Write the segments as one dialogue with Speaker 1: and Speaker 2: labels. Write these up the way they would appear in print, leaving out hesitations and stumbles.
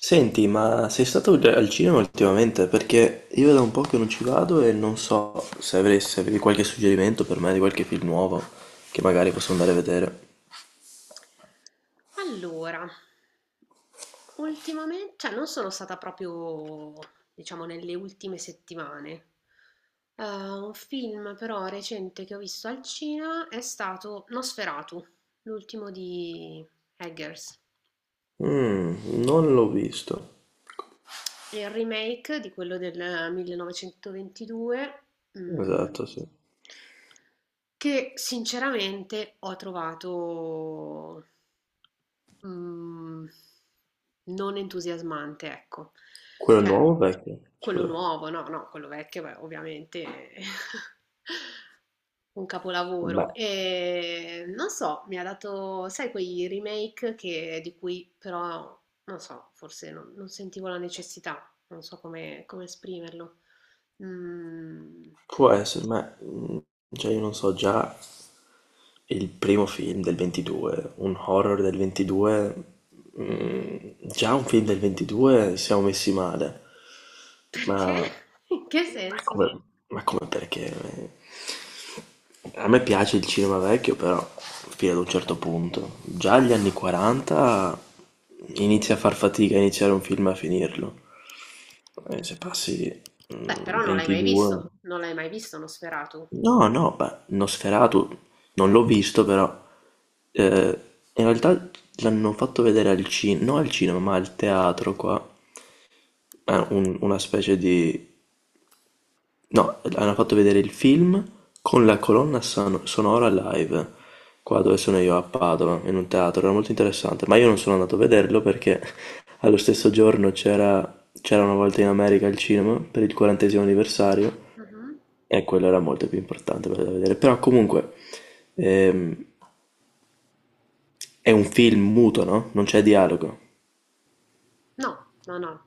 Speaker 1: Senti, ma sei stato già al cinema ultimamente? Perché io da un po' che non ci vado e non so se se avevi qualche suggerimento per me di qualche film nuovo che magari posso andare a vedere.
Speaker 2: Allora, ultimamen cioè non sono stata proprio, diciamo, nelle ultime settimane. Un film però recente che ho visto al cinema è stato Nosferatu, l'ultimo di Eggers.
Speaker 1: Mm, non l'ho visto.
Speaker 2: È il remake di quello del 1922, mm,
Speaker 1: Esatto, sì.
Speaker 2: che sinceramente ho trovato Mhmm, non entusiasmante, ecco.
Speaker 1: Quello
Speaker 2: Cioè,
Speaker 1: nuovo o vecchio?
Speaker 2: quello
Speaker 1: Scusa.
Speaker 2: nuovo, no, no, quello vecchio, beh, ovviamente è un capolavoro.
Speaker 1: Beh,
Speaker 2: Non so, mi ha dato, sai quei remake che di cui però, non so, forse non sentivo la necessità, non so come esprimerlo. Mhmm,
Speaker 1: può essere, ma. Cioè, io non so, già il primo film del 22, un horror del 22, mm, già un film del 22 siamo messi male. ma,
Speaker 2: perché? In che
Speaker 1: ma
Speaker 2: senso?
Speaker 1: come, ma come perché? A me piace il cinema vecchio, però fino ad un certo punto. Già agli anni 40 inizia a far fatica a iniziare un film e a finirlo. E se passi
Speaker 2: Beh, però non l'hai mai
Speaker 1: 22...
Speaker 2: visto, non l'hai mai visto Nosferatu?
Speaker 1: No, no, beh, Nosferatu non l'ho visto però, eh, in realtà l'hanno fatto vedere al cinema, non al cinema ma al teatro qua. Una specie di... No, hanno fatto vedere il film con la colonna sonora live, qua dove sono io a Padova, in un teatro, era molto interessante, ma io non sono andato a vederlo perché allo stesso giorno c'era una volta in America al cinema per il quarantesimo anniversario,
Speaker 2: Mh-mh.
Speaker 1: e quello era molto più importante quello da vedere. Però comunque ehm, è un film muto, no? Non c'è dialogo.
Speaker 2: No, no, no.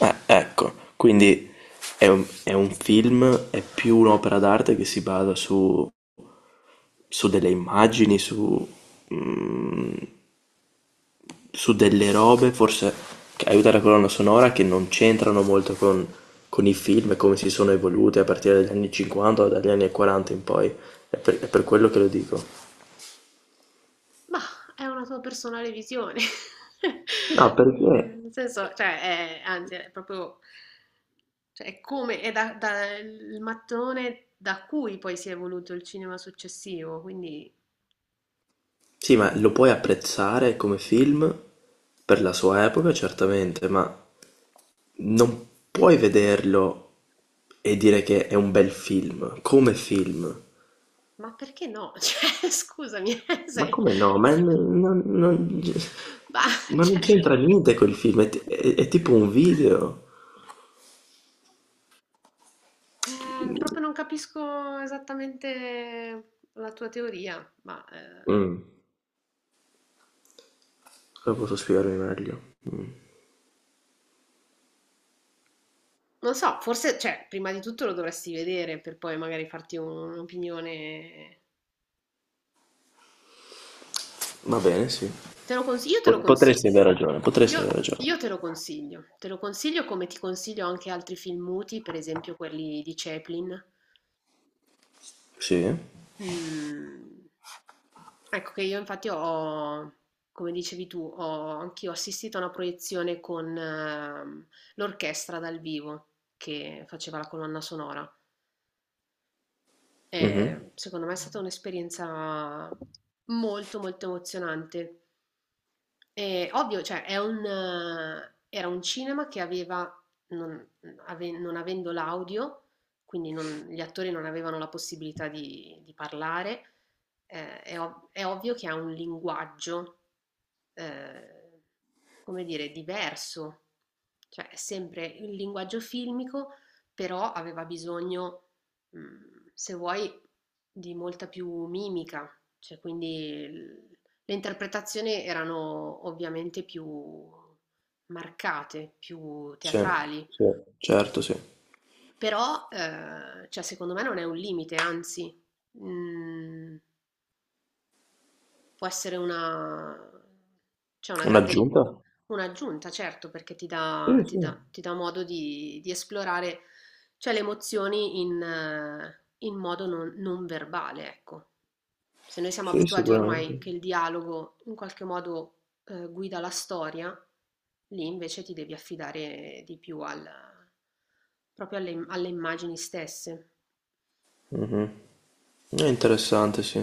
Speaker 1: Ecco, quindi è un film, è più un'opera d'arte che si basa su delle immagini, mm, su delle robe, forse, che aiuta la colonna sonora, che non c'entrano molto con i film e come si sono evoluti a partire dagli anni 50 o dagli anni 40 in poi. È per quello che lo dico.
Speaker 2: Mah, è una tua personale visione.
Speaker 1: No, perché?
Speaker 2: Mhmm, nel senso, cioè, è anzi, è proprio cioè, è come è da il mattone da cui poi si è evoluto il cinema successivo, quindi
Speaker 1: Sì, ma lo puoi apprezzare come film per la sua epoca, certamente, ma non puoi vederlo e dire che è un bel film, come film.
Speaker 2: ma perché no? Cioè, scusami,
Speaker 1: Ma
Speaker 2: sei
Speaker 1: come no?
Speaker 2: mah,
Speaker 1: Ma non
Speaker 2: cioè
Speaker 1: c'entra niente col film, è tipo un video.
Speaker 2: Proprio non capisco esattamente la tua teoria, ma,
Speaker 1: Mm, come posso spiegarmi meglio?
Speaker 2: non so, forse, cioè, prima di tutto lo dovresti vedere per poi magari farti un'opinione.
Speaker 1: Va bene, sì.
Speaker 2: Io te lo consiglio.
Speaker 1: Potresti aver ragione, potresti aver ragione.
Speaker 2: Io te lo consiglio. Te lo consiglio come ti consiglio anche altri film muti, per esempio quelli di Chaplin.
Speaker 1: Sì.
Speaker 2: Mm, Ecco che io infatti ho, come dicevi tu, ho anch'io assistito a una proiezione con l'orchestra dal vivo che faceva la colonna sonora.
Speaker 1: Mhm.
Speaker 2: Secondo me è stata un'esperienza molto, molto emozionante. E ovvio, cioè, è un, era un cinema che aveva, non, non avendo l'audio, quindi gli attori non avevano la possibilità di parlare, è, è ovvio che ha un linguaggio eh, come dire, diverso, cioè è sempre il linguaggio filmico, però aveva bisogno, se vuoi, di molta più mimica, cioè quindi l- le interpretazioni erano ovviamente più marcate, più
Speaker 1: Sì,
Speaker 2: teatrali,
Speaker 1: sì, certo, sì.
Speaker 2: però cioè, secondo me non è un limite, anzi, mh, può essere una, cioè una grande ri-
Speaker 1: Un'aggiunta?
Speaker 2: un'aggiunta, certo, perché
Speaker 1: Sì, sì,
Speaker 2: ti dà modo di esplorare, cioè, le emozioni in, in modo non, non verbale, ecco. Se noi siamo
Speaker 1: sì,
Speaker 2: abituati ormai che
Speaker 1: sicuramente.
Speaker 2: il dialogo in qualche modo, guida la storia, lì invece ti devi affidare di più proprio alle immagini stesse.
Speaker 1: Mhm. È interessante, sì.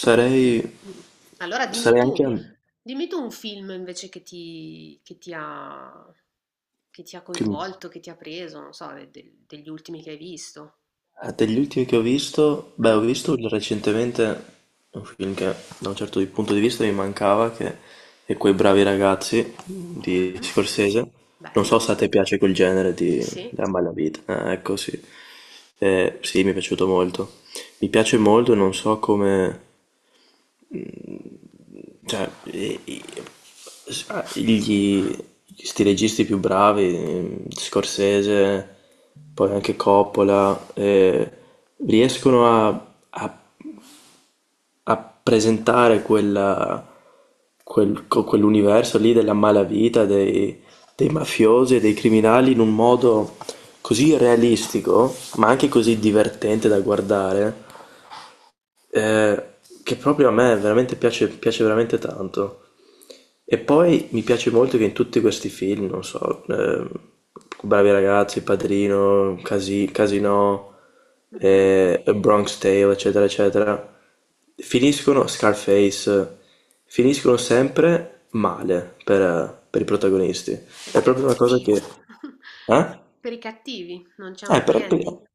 Speaker 1: Sarei,
Speaker 2: Allora
Speaker 1: sarei anche
Speaker 2: dimmi tu un film invece che ti ha
Speaker 1: che-
Speaker 2: coinvolto, che ti ha preso, non so, degli ultimi che hai visto.
Speaker 1: degli ultimi che ho visto. Beh, ho
Speaker 2: Mm,
Speaker 1: visto recentemente un film che da un certo punto di vista mi mancava, che è Quei bravi ragazzi di
Speaker 2: mhm,
Speaker 1: Scorsese. Non so se
Speaker 2: bello,
Speaker 1: a te piace quel genere
Speaker 2: sì
Speaker 1: di,
Speaker 2: sì,
Speaker 1: Ammalavita. Ah, ecco, sì. Sì, mi è piaciuto molto. Mi piace molto, non so come. Cioè, e- e- s- ah, gli, Sti registi più bravi, Scorsese, poi anche Coppola, riescono a presentare quell'universo lì della malavita, dei mafiosi e dei criminali in un modo così realistico, ma anche così divertente da guardare, eh, che proprio a me veramente piace, piace veramente tanto. E poi mi piace molto che in tutti questi film, non so, Bravi ragazzi, Padrino, Casino,
Speaker 2: mhm,
Speaker 1: A Bronx Tale, eccetera, eccetera, finiscono, Scarface, finiscono sempre male per i protagonisti.
Speaker 2: per i
Speaker 1: È proprio una cosa
Speaker 2: cattivi,
Speaker 1: che... Eh?
Speaker 2: per i cattivi, non c'è un
Speaker 1: Eh,
Speaker 2: happy
Speaker 1: per,
Speaker 2: ending.
Speaker 1: per-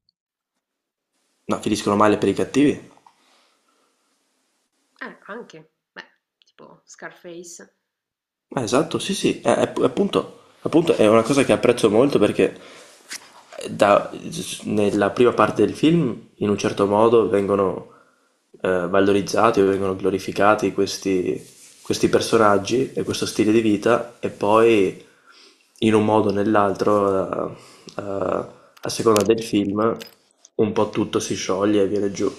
Speaker 1: no, finiscono male per i cattivi.
Speaker 2: Anche, beh, tipo Scarface.
Speaker 1: Esatto, sì, sì, appunto, appunto è una cosa che apprezzo molto perché eh, da- nella prima parte del film, in un certo modo, vengono valorizzati o vengono glorificati questi, questi personaggi e questo stile di vita, e poi in un modo o nell'altro, eh, a seconda del film, un po' tutto si scioglie e viene giù.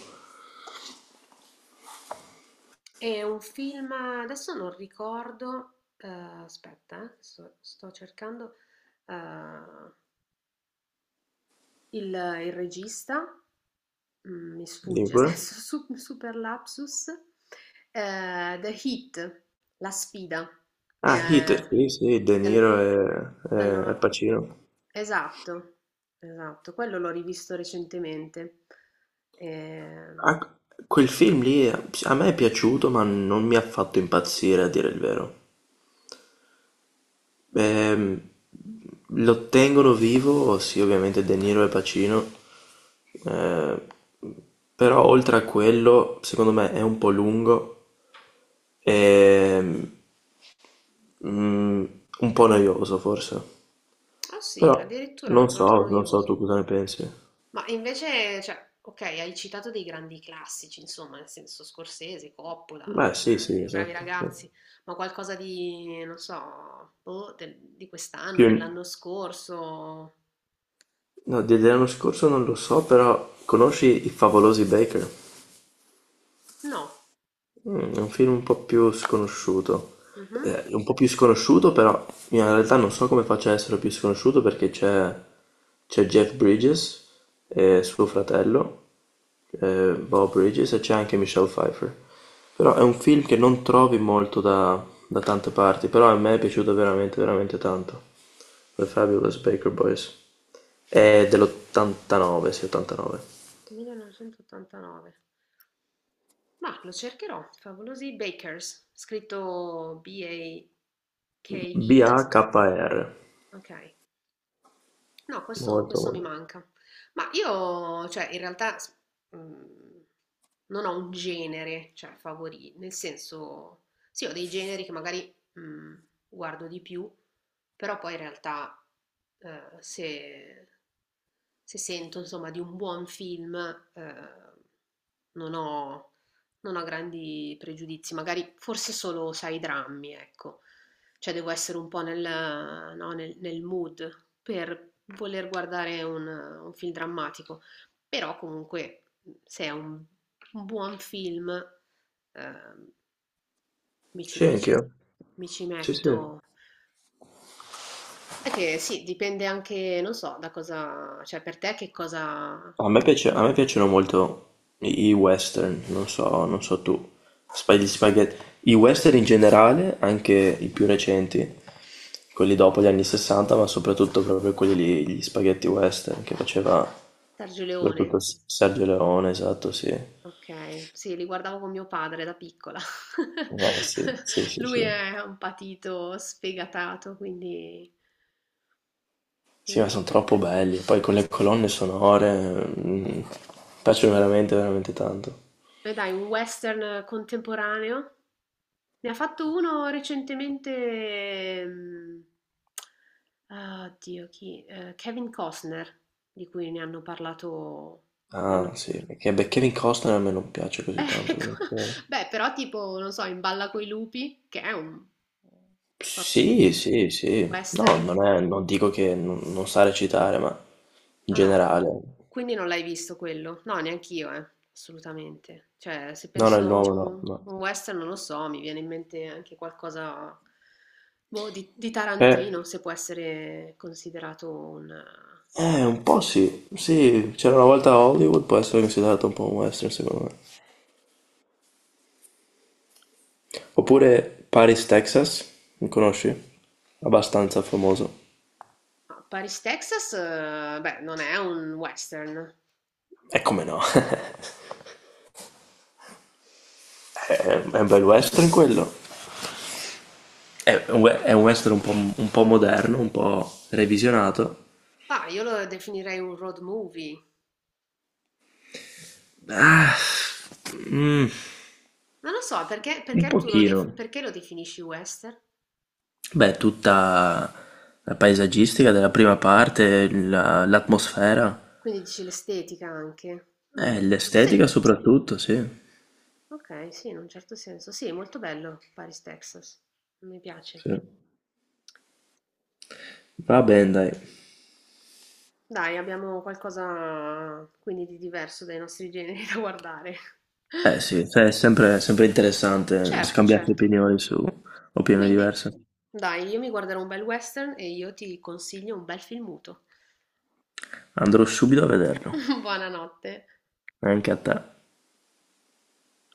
Speaker 2: È un film, adesso non ricordo, aspetta, sto cercando eh, il regista. Mi
Speaker 1: Dimmi
Speaker 2: sfugge
Speaker 1: pure.
Speaker 2: adesso, su super lapsus, The Heat, La sfida,
Speaker 1: Ah, Heat,
Speaker 2: ehm,
Speaker 1: sì, sì, De
Speaker 2: del
Speaker 1: Niro e,
Speaker 2: del
Speaker 1: e Al
Speaker 2: nova
Speaker 1: Pacino.
Speaker 2: esatto, esatto, quello l'ho rivisto recentemente. Ehm,
Speaker 1: Ah, quel film lì a me è piaciuto, ma non mi ha fatto impazzire a dire il vero. Ehm, Lo tengono vivo, sì, ovviamente De Niro e Pacino. eh, Però oltre a quello, secondo me è un po' lungo e mm, un po' noioso forse.
Speaker 2: ah sì,
Speaker 1: Però
Speaker 2: addirittura l'hai
Speaker 1: non
Speaker 2: trovato
Speaker 1: so, non so tu
Speaker 2: noioso.
Speaker 1: cosa ne pensi.
Speaker 2: Ma invece, cioè, ok, hai citato dei grandi classici, insomma, nel senso Scorsese, Coppola,
Speaker 1: Beh, sì, sì,
Speaker 2: I bravi
Speaker 1: esatto, sì.
Speaker 2: ragazzi, ma qualcosa di, non so, boh, di quest'anno,
Speaker 1: Più.
Speaker 2: dell'anno scorso?
Speaker 1: No, dell'anno scorso non lo so, però conosci I Favolosi Baker?
Speaker 2: No.
Speaker 1: Mm, è un film un po' più sconosciuto.
Speaker 2: Mhm.
Speaker 1: Un po' più sconosciuto, però in realtà non so come faccia a essere più sconosciuto perché c'è Jeff Bridges e suo fratello, Bob Bridges, e c'è anche Michelle Pfeiffer. Però è un film che non trovi molto da, da tante parti, però a me è piaciuto veramente, veramente tanto. The Fabulous Baker Boys. È dell'89, sì, 89.
Speaker 2: 1989. Ma lo cercherò. Favolosi Bakers, scritto B-A-K-E-S.
Speaker 1: BAKR,
Speaker 2: Ok. No, questo,
Speaker 1: molto,
Speaker 2: questo mi
Speaker 1: molto.
Speaker 2: manca. Ma io, cioè, in realtà s- mm, non ho un genere, cioè, favorito, nel senso, sì, ho dei generi che magari guardo di più, però poi in realtà, se, se sento, insomma, di un buon film, eh, non ho, non ho grandi pregiudizi, magari forse solo, sai, i drammi, ecco. Cioè devo essere un po' no, nel mood per voler guardare un film drammatico, però comunque se è un buon film eh, mi ci,
Speaker 1: Sì,
Speaker 2: mi ci-
Speaker 1: anch'io.
Speaker 2: mi ci
Speaker 1: Sì,
Speaker 2: metto.
Speaker 1: sì.
Speaker 2: È che sì, dipende anche, non so, da cosa, cioè per te che cosa...
Speaker 1: A me piacciono molto i western, non so, non so tu. Gli spaghetti. I western in generale, anche i più recenti, quelli dopo gli anni 60, ma soprattutto proprio quelli lì, gli spaghetti western che faceva
Speaker 2: Sergio Leone,
Speaker 1: soprattutto Sergio Leone, esatto, sì.
Speaker 2: ok, sì, li guardavo con mio padre da piccola.
Speaker 1: Sì, sì, sì,
Speaker 2: Lui
Speaker 1: sì.
Speaker 2: è un patito sfegatato, quindi
Speaker 1: Sì, ma sono
Speaker 2: il-
Speaker 1: troppo belli. Poi con le colonne sonore piacciono veramente, veramente tanto.
Speaker 2: e dai, un western contemporaneo. Ne ha fatto uno recentemente, ehm, ah, oddio, chi? Kevin Costner, di cui ne hanno parlato. ne
Speaker 1: Ah,
Speaker 2: hanno-
Speaker 1: sì, perché beh, Kevin Costner a me non piace così tanto
Speaker 2: Ecco,
Speaker 1: come attore.
Speaker 2: beh, però tipo, non so, in Balla coi lupi, che è un sorta
Speaker 1: Sì, sì,
Speaker 2: di
Speaker 1: sì. No,
Speaker 2: western.
Speaker 1: non dico che non sa recitare, ma in
Speaker 2: No, no,
Speaker 1: generale.
Speaker 2: quindi non l'hai visto quello? No, neanch'io, assolutamente. Cioè, se
Speaker 1: No, no,
Speaker 2: penso
Speaker 1: il
Speaker 2: a
Speaker 1: nuovo no,
Speaker 2: un
Speaker 1: no.
Speaker 2: un western, non lo so, mi viene in mente anche qualcosa, boh, di
Speaker 1: Eh,
Speaker 2: Tarantino, se può essere considerato un...
Speaker 1: un po' sì. Sì, c'era una volta a Hollywood, può essere considerato un po' un western, secondo me. Oppure Paris, Texas, mi conosci? Abbastanza famoso.
Speaker 2: Ma Paris, Texas, beh, non è un western.
Speaker 1: E come no? È un bel western quello. È un western un po' moderno, un po' revisionato.
Speaker 2: Ma io lo definirei un road movie.
Speaker 1: Ah, mm,
Speaker 2: Non lo so, perché,
Speaker 1: un pochino.
Speaker 2: perché lo definisci western?
Speaker 1: Beh, tutta la paesaggistica della prima parte, l'atmosfera,
Speaker 2: Quindi dici l'estetica anche. Mm. Sì,
Speaker 1: l'estetica soprattutto, sì.
Speaker 2: okay, sì, in un certo senso. Sì, molto bello Paris, Texas. Mi piace.
Speaker 1: Sì. Va bene, dai.
Speaker 2: Dai, abbiamo qualcosa quindi di diverso dai nostri generi da guardare.
Speaker 1: Eh sì, cioè, è sempre, sempre interessante
Speaker 2: Certo,
Speaker 1: scambiarsi
Speaker 2: certo.
Speaker 1: opinioni su opinioni
Speaker 2: Quindi,
Speaker 1: diverse.
Speaker 2: dai, io mi guarderò un bel western e io ti consiglio un bel film muto.
Speaker 1: Andrò subito a vederlo,
Speaker 2: Buonanotte.
Speaker 1: anche a te.